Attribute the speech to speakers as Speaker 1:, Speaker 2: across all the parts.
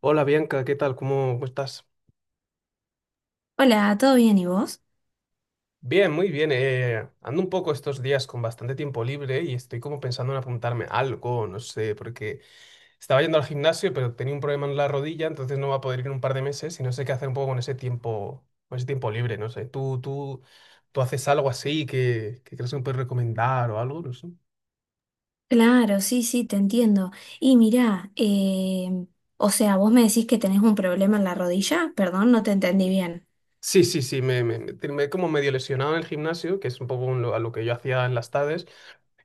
Speaker 1: Hola Bianca, ¿qué tal? ¿¿Cómo estás?
Speaker 2: Hola, ¿todo bien y vos?
Speaker 1: Bien, muy bien. Ando un poco estos días con bastante tiempo libre y estoy como pensando en apuntarme a algo, no sé, porque estaba yendo al gimnasio, pero tenía un problema en la rodilla, entonces no va a poder ir en un par de meses y no sé qué hacer un poco con ese tiempo libre, no sé. ¿Tú haces algo así que crees que me puedes recomendar o algo? No sé.
Speaker 2: Claro, sí, sí, te entiendo. Y mirá, o sea, vos me decís que tenés un problema en la rodilla, perdón, no te entendí bien.
Speaker 1: Sí, sí, sí, me he como medio lesionado en el gimnasio, que es un poco a lo que yo hacía en las tardes.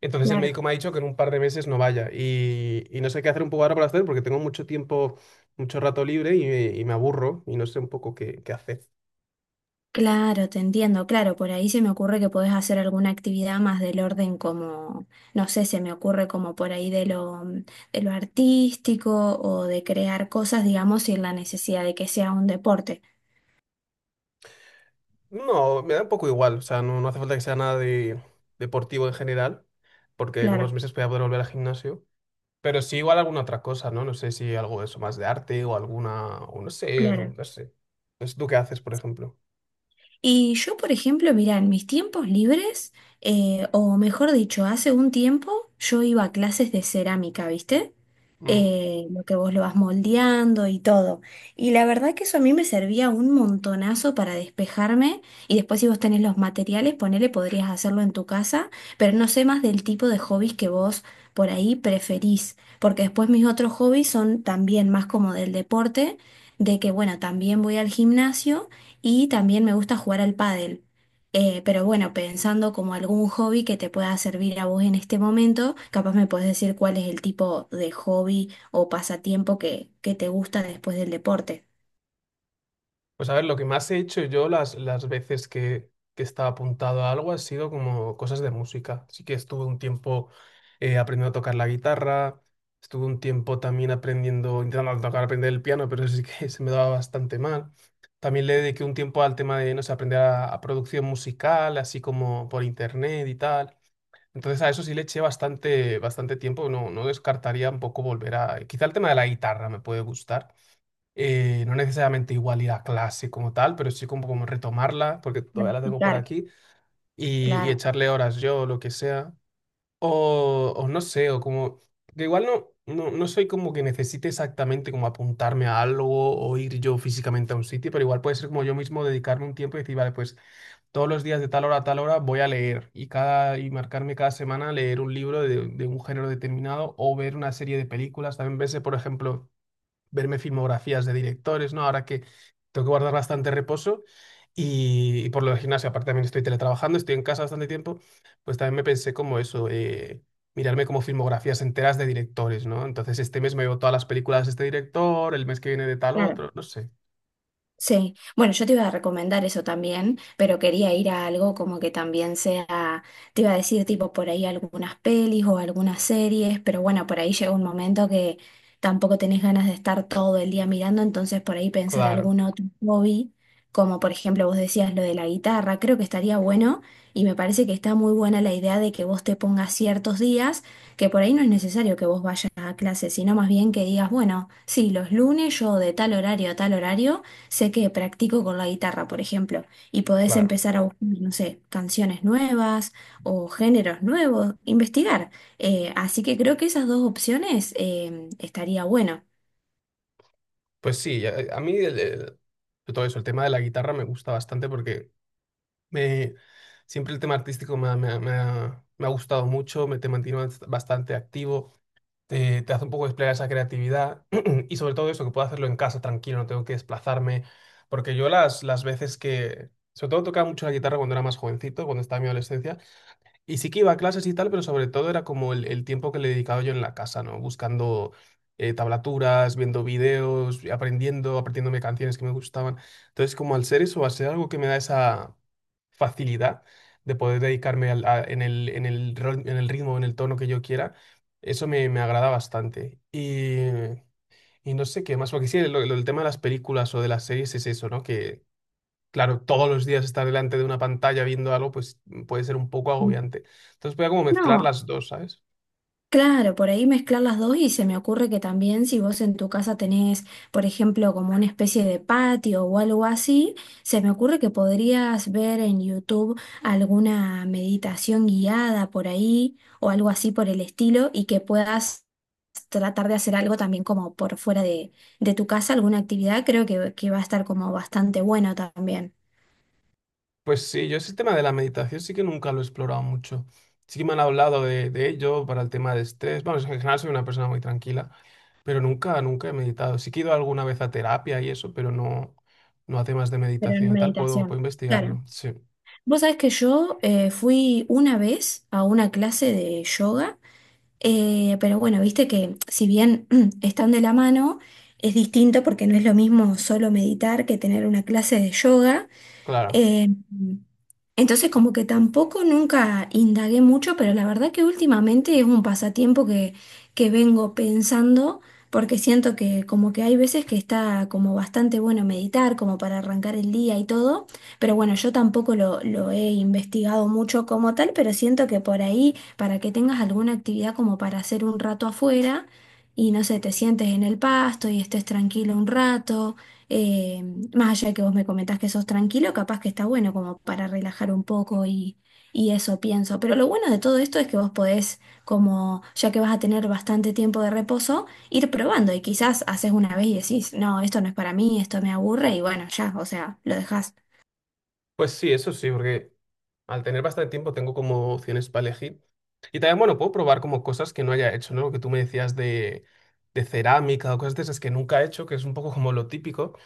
Speaker 1: Entonces el
Speaker 2: Claro.
Speaker 1: médico me ha dicho que en un par de meses no vaya y no sé qué hacer un poco ahora para hacer porque tengo mucho tiempo, mucho rato libre y me aburro y no sé un poco qué hacer.
Speaker 2: Claro, te entiendo, claro, por ahí se me ocurre que podés hacer alguna actividad más del orden como, no sé, se me ocurre como por ahí de lo artístico o de crear cosas, digamos, sin la necesidad de que sea un deporte.
Speaker 1: No, me da un poco igual, o sea, no, no hace falta que sea nada de deportivo en general porque en unos
Speaker 2: Claro,
Speaker 1: meses voy a poder volver al gimnasio, pero sí igual alguna otra cosa, ¿no? No sé si algo de eso más de arte o alguna, o no sé, no,
Speaker 2: claro.
Speaker 1: no sé. No sé, ¿tú qué haces, por ejemplo?
Speaker 2: Y yo, por ejemplo, mirá, en mis tiempos libres, o mejor dicho, hace un tiempo yo iba a clases de cerámica, ¿viste?
Speaker 1: Mm.
Speaker 2: Eh, lo que vos lo vas moldeando y todo. Y la verdad que eso a mí me servía un montonazo para despejarme y después si vos tenés los materiales, ponele, podrías hacerlo en tu casa, pero no sé más del tipo de hobbies que vos por ahí preferís, porque después mis otros hobbies son también más como del deporte, de que bueno, también voy al gimnasio y también me gusta jugar al pádel. Pero bueno, pensando como algún hobby que te pueda servir a vos en este momento, capaz me podés decir cuál es el tipo de hobby o pasatiempo que te gusta después del deporte.
Speaker 1: Pues a ver, lo que más he hecho yo las veces que estaba apuntado a algo ha sido como cosas de música. Sí que estuve un tiempo aprendiendo a tocar la guitarra, estuve un tiempo también aprendiendo, intentando tocar, aprender el piano, pero sí que se me daba bastante mal. También le dediqué un tiempo al tema de, no sé, aprender a producción musical, así como por internet y tal. Entonces a eso sí le eché bastante, bastante tiempo, no, no descartaría un poco volver a... Quizá el tema de la guitarra me puede gustar, no necesariamente igual ir a clase como tal, pero sí como, como retomarla, porque todavía la tengo por
Speaker 2: Practicar,
Speaker 1: aquí, y
Speaker 2: claro,
Speaker 1: echarle horas yo, o lo que sea. O no sé, o como, que igual no, no, no soy como que necesite exactamente como apuntarme a algo o ir yo físicamente a un sitio, pero igual puede ser como yo mismo dedicarme un tiempo y decir, vale, pues todos los días de tal hora a tal hora voy a leer y marcarme cada semana leer un libro de un género determinado o ver una serie de películas. También verse, por ejemplo, verme filmografías de directores, ¿no? Ahora que tengo que guardar bastante reposo y por lo del gimnasio, aparte también estoy teletrabajando, estoy en casa bastante tiempo, pues también me pensé como eso, mirarme como filmografías enteras de directores, ¿no? Entonces este mes me veo todas las películas de este director, el mes que viene de tal
Speaker 2: claro.
Speaker 1: otro, no sé.
Speaker 2: Sí, bueno, yo te iba a recomendar eso también, pero quería ir a algo como que también sea, te iba a decir tipo por ahí algunas pelis o algunas series, pero bueno, por ahí llega un momento que tampoco tenés ganas de estar todo el día mirando, entonces por ahí pensar
Speaker 1: Claro,
Speaker 2: algún otro hobby, como por ejemplo vos decías lo de la guitarra, creo que estaría bueno y me parece que está muy buena la idea de que vos te pongas ciertos días, que por ahí no es necesario que vos vayas a clase, sino más bien que digas, bueno, sí, los lunes yo de tal horario a tal horario sé que practico con la guitarra, por ejemplo, y podés
Speaker 1: claro.
Speaker 2: empezar a buscar, no sé, canciones nuevas o géneros nuevos, investigar. Así que creo que esas dos opciones estaría bueno.
Speaker 1: Pues sí, a mí todo eso, el tema de la guitarra me gusta bastante porque me, siempre el tema artístico me ha gustado mucho, me te mantiene bastante activo. Te hace un poco desplegar esa creatividad y sobre todo eso, que puedo hacerlo en casa tranquilo, no tengo que desplazarme, porque yo las veces que, sobre todo tocaba mucho la guitarra cuando era más jovencito, cuando estaba en mi adolescencia, y sí que iba a clases y tal, pero sobre todo era como el tiempo que le dedicaba yo en la casa, ¿no? Buscando tablaturas, viendo videos, aprendiendo, aprendiéndome canciones que me gustaban. Entonces, como al ser eso, al ser algo que me da esa facilidad de poder dedicarme en el, en el ritmo, en el tono que yo quiera, eso me, me agrada bastante. Y no sé qué más, porque sí, el tema de las películas o de las series es eso, ¿no? Que, claro, todos los días estar delante de una pantalla viendo algo, pues puede ser un poco
Speaker 2: Mm.
Speaker 1: agobiante. Entonces voy a como mezclar
Speaker 2: No,
Speaker 1: las dos, ¿sabes?
Speaker 2: claro, por ahí mezclar las dos y se me ocurre que también si vos en tu casa tenés, por ejemplo, como una especie de patio o algo así, se me ocurre que podrías ver en YouTube alguna meditación guiada por ahí o algo así por el estilo y que puedas tratar de hacer algo también como por fuera de tu casa, alguna actividad, creo que va a estar como bastante bueno también,
Speaker 1: Pues sí, yo ese tema de la meditación sí que nunca lo he explorado mucho. Sí que me han hablado de ello para el tema de estrés. Vamos, en general soy una persona muy tranquila. Pero nunca, nunca he meditado. Sí que he ido alguna vez a terapia y eso, pero no, no a temas de
Speaker 2: pero en
Speaker 1: meditación y tal. Puedo, puedo
Speaker 2: meditación. Claro.
Speaker 1: investigarlo. Sí,
Speaker 2: Vos sabés que yo fui una vez a una clase de yoga. Pero bueno, viste que si bien están de la mano, es distinto porque no es lo mismo solo meditar que tener una clase de yoga.
Speaker 1: claro.
Speaker 2: Eh, entonces, como que tampoco nunca indagué mucho, pero la verdad que últimamente es un pasatiempo que vengo pensando, porque siento que como que hay veces que está como bastante bueno meditar, como para arrancar el día y todo, pero bueno, yo tampoco lo he investigado mucho como tal, pero siento que por ahí, para que tengas alguna actividad como para hacer un rato afuera, y no sé, te sientes en el pasto y estés tranquilo un rato. Eh, Más allá de que vos me comentás que sos tranquilo, capaz que está bueno como para relajar un poco y eso pienso. Pero lo bueno de todo esto es que vos podés, como ya que vas a tener bastante tiempo de reposo, ir probando y quizás haces una vez y decís, no, esto no es para mí, esto me aburre y bueno, ya, o sea, lo dejás.
Speaker 1: Pues sí, eso sí, porque al tener bastante tiempo tengo como opciones para elegir. Y también, bueno, puedo probar como cosas que no haya hecho, ¿no? Lo que tú me decías de cerámica o cosas de esas que nunca he hecho, que es un poco como lo típico.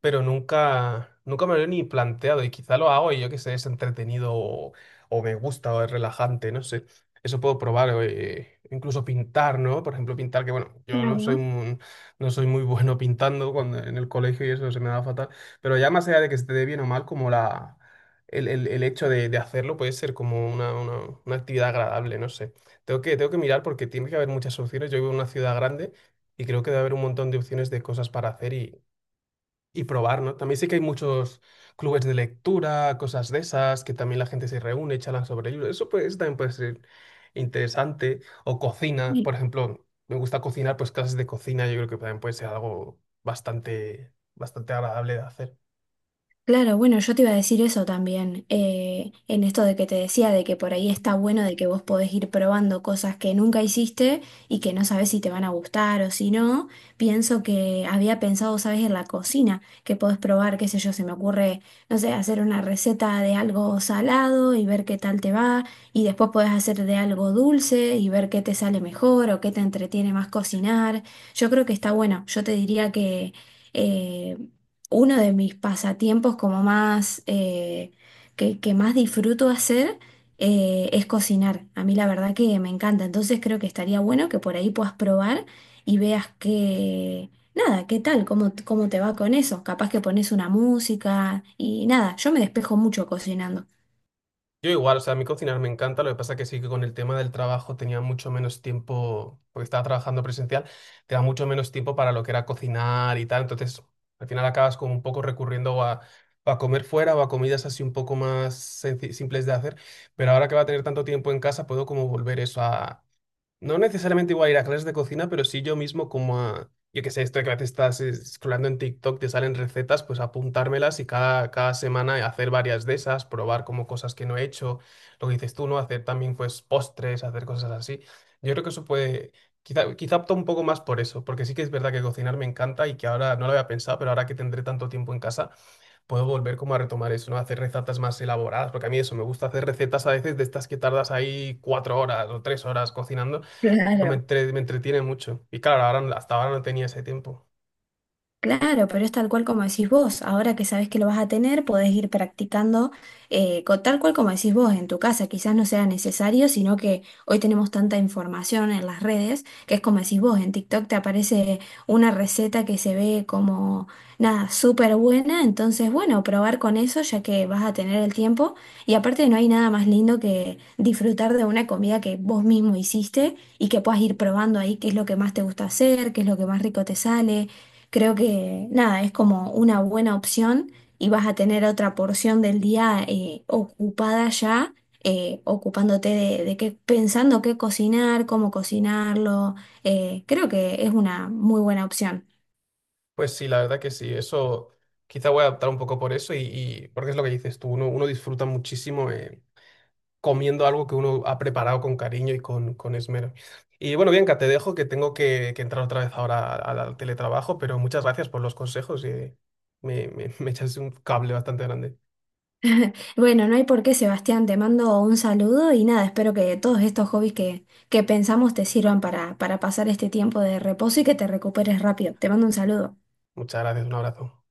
Speaker 1: Pero nunca, nunca me lo he ni planteado y quizá lo hago y yo que sé, es entretenido o me gusta o es relajante, no sé. Eso puedo probar, incluso pintar, ¿no? Por ejemplo, pintar, que bueno, yo no soy
Speaker 2: Claro.
Speaker 1: un- no soy muy bueno pintando cuando, en el colegio y eso se me da fatal, pero ya más allá de que se te dé bien o mal, como el hecho de hacerlo puede ser como una actividad agradable, no sé. Tengo que mirar porque tiene que haber muchas opciones. Yo vivo en una ciudad grande y creo que debe haber un montón de opciones de cosas para hacer y probar, ¿no? También sé que hay muchos clubes de lectura, cosas de esas, que también la gente se reúne, charlan sobre libros. Eso pues, también puede ser interesante. O cocina, por ejemplo, me gusta cocinar, pues clases de cocina, yo creo que también puede ser algo bastante, bastante agradable de hacer.
Speaker 2: Claro, bueno, yo te iba a decir eso también, en esto de que te decía, de que por ahí está bueno de que vos podés ir probando cosas que nunca hiciste y que no sabés si te van a gustar o si no. Pienso que había pensado, sabes, en la cocina, que podés probar, qué sé yo, se me ocurre, no sé, hacer una receta de algo salado y ver qué tal te va, y después podés hacer de algo dulce y ver qué te sale mejor o qué te entretiene más cocinar. Yo creo que está bueno, yo te diría que... eh, uno de mis pasatiempos como más que más disfruto hacer es cocinar. A mí la verdad que me encanta. Entonces creo que estaría bueno que por ahí puedas probar y veas que, nada, qué tal, cómo, cómo te va con eso. Capaz que pones una música y nada, yo me despejo mucho cocinando.
Speaker 1: Yo igual, o sea, a mí cocinar me encanta, lo que pasa que sí que con el tema del trabajo tenía mucho menos tiempo, porque estaba trabajando presencial, te da mucho menos tiempo para lo que era cocinar y tal, entonces al final acabas como un poco recurriendo a comer fuera o a comidas así un poco más simples de hacer, pero ahora que va a tener tanto tiempo en casa puedo como volver eso, no necesariamente igual ir a clases de cocina, pero sí yo mismo como a, yo qué sé, esto de que a veces estás scrollando en TikTok, te salen recetas, pues apuntármelas y cada semana hacer varias de esas, probar como cosas que no he hecho, lo que dices tú, ¿no? Hacer también pues postres, hacer cosas así. Yo creo que eso puede, quizá, quizá opto un poco más por eso, porque sí que es verdad que cocinar me encanta y que ahora no lo había pensado, pero ahora que tendré tanto tiempo en casa puedo volver como a retomar eso, ¿no? Hacer recetas más elaboradas, porque a mí eso, me gusta hacer recetas a veces de estas que tardas ahí 4 horas o 3 horas cocinando, pero me,
Speaker 2: Claro.
Speaker 1: me entretiene mucho. Y claro, ahora, hasta ahora no tenía ese tiempo.
Speaker 2: Claro, pero es tal cual como decís vos. Ahora que sabés que lo vas a tener, podés ir practicando tal cual como decís vos en tu casa. Quizás no sea necesario, sino que hoy tenemos tanta información en las redes que es como decís vos. En TikTok te aparece una receta que se ve como nada, súper buena. Entonces, bueno, probar con eso ya que vas a tener el tiempo. Y aparte no hay nada más lindo que disfrutar de una comida que vos mismo hiciste y que puedas ir probando ahí qué es lo que más te gusta hacer, qué es lo que más rico te sale. Creo que nada, es como una buena opción y vas a tener otra porción del día ocupada ya, ocupándote de qué, pensando qué cocinar, cómo cocinarlo. Eh, creo que es una muy buena opción.
Speaker 1: Pues sí, la verdad que sí, eso quizá voy a adaptar un poco por eso porque es lo que dices tú, uno, uno disfruta muchísimo comiendo algo que uno ha preparado con cariño y con esmero. Y bueno, Bianca, te dejo que tengo que entrar otra vez ahora al al teletrabajo, pero muchas gracias por los consejos y me, me echas un cable bastante grande.
Speaker 2: Bueno, no hay por qué, Sebastián, te mando un saludo y nada, espero que todos estos hobbies que pensamos te sirvan para pasar este tiempo de reposo y que te recuperes rápido. Te mando un saludo.
Speaker 1: Muchas gracias, un abrazo.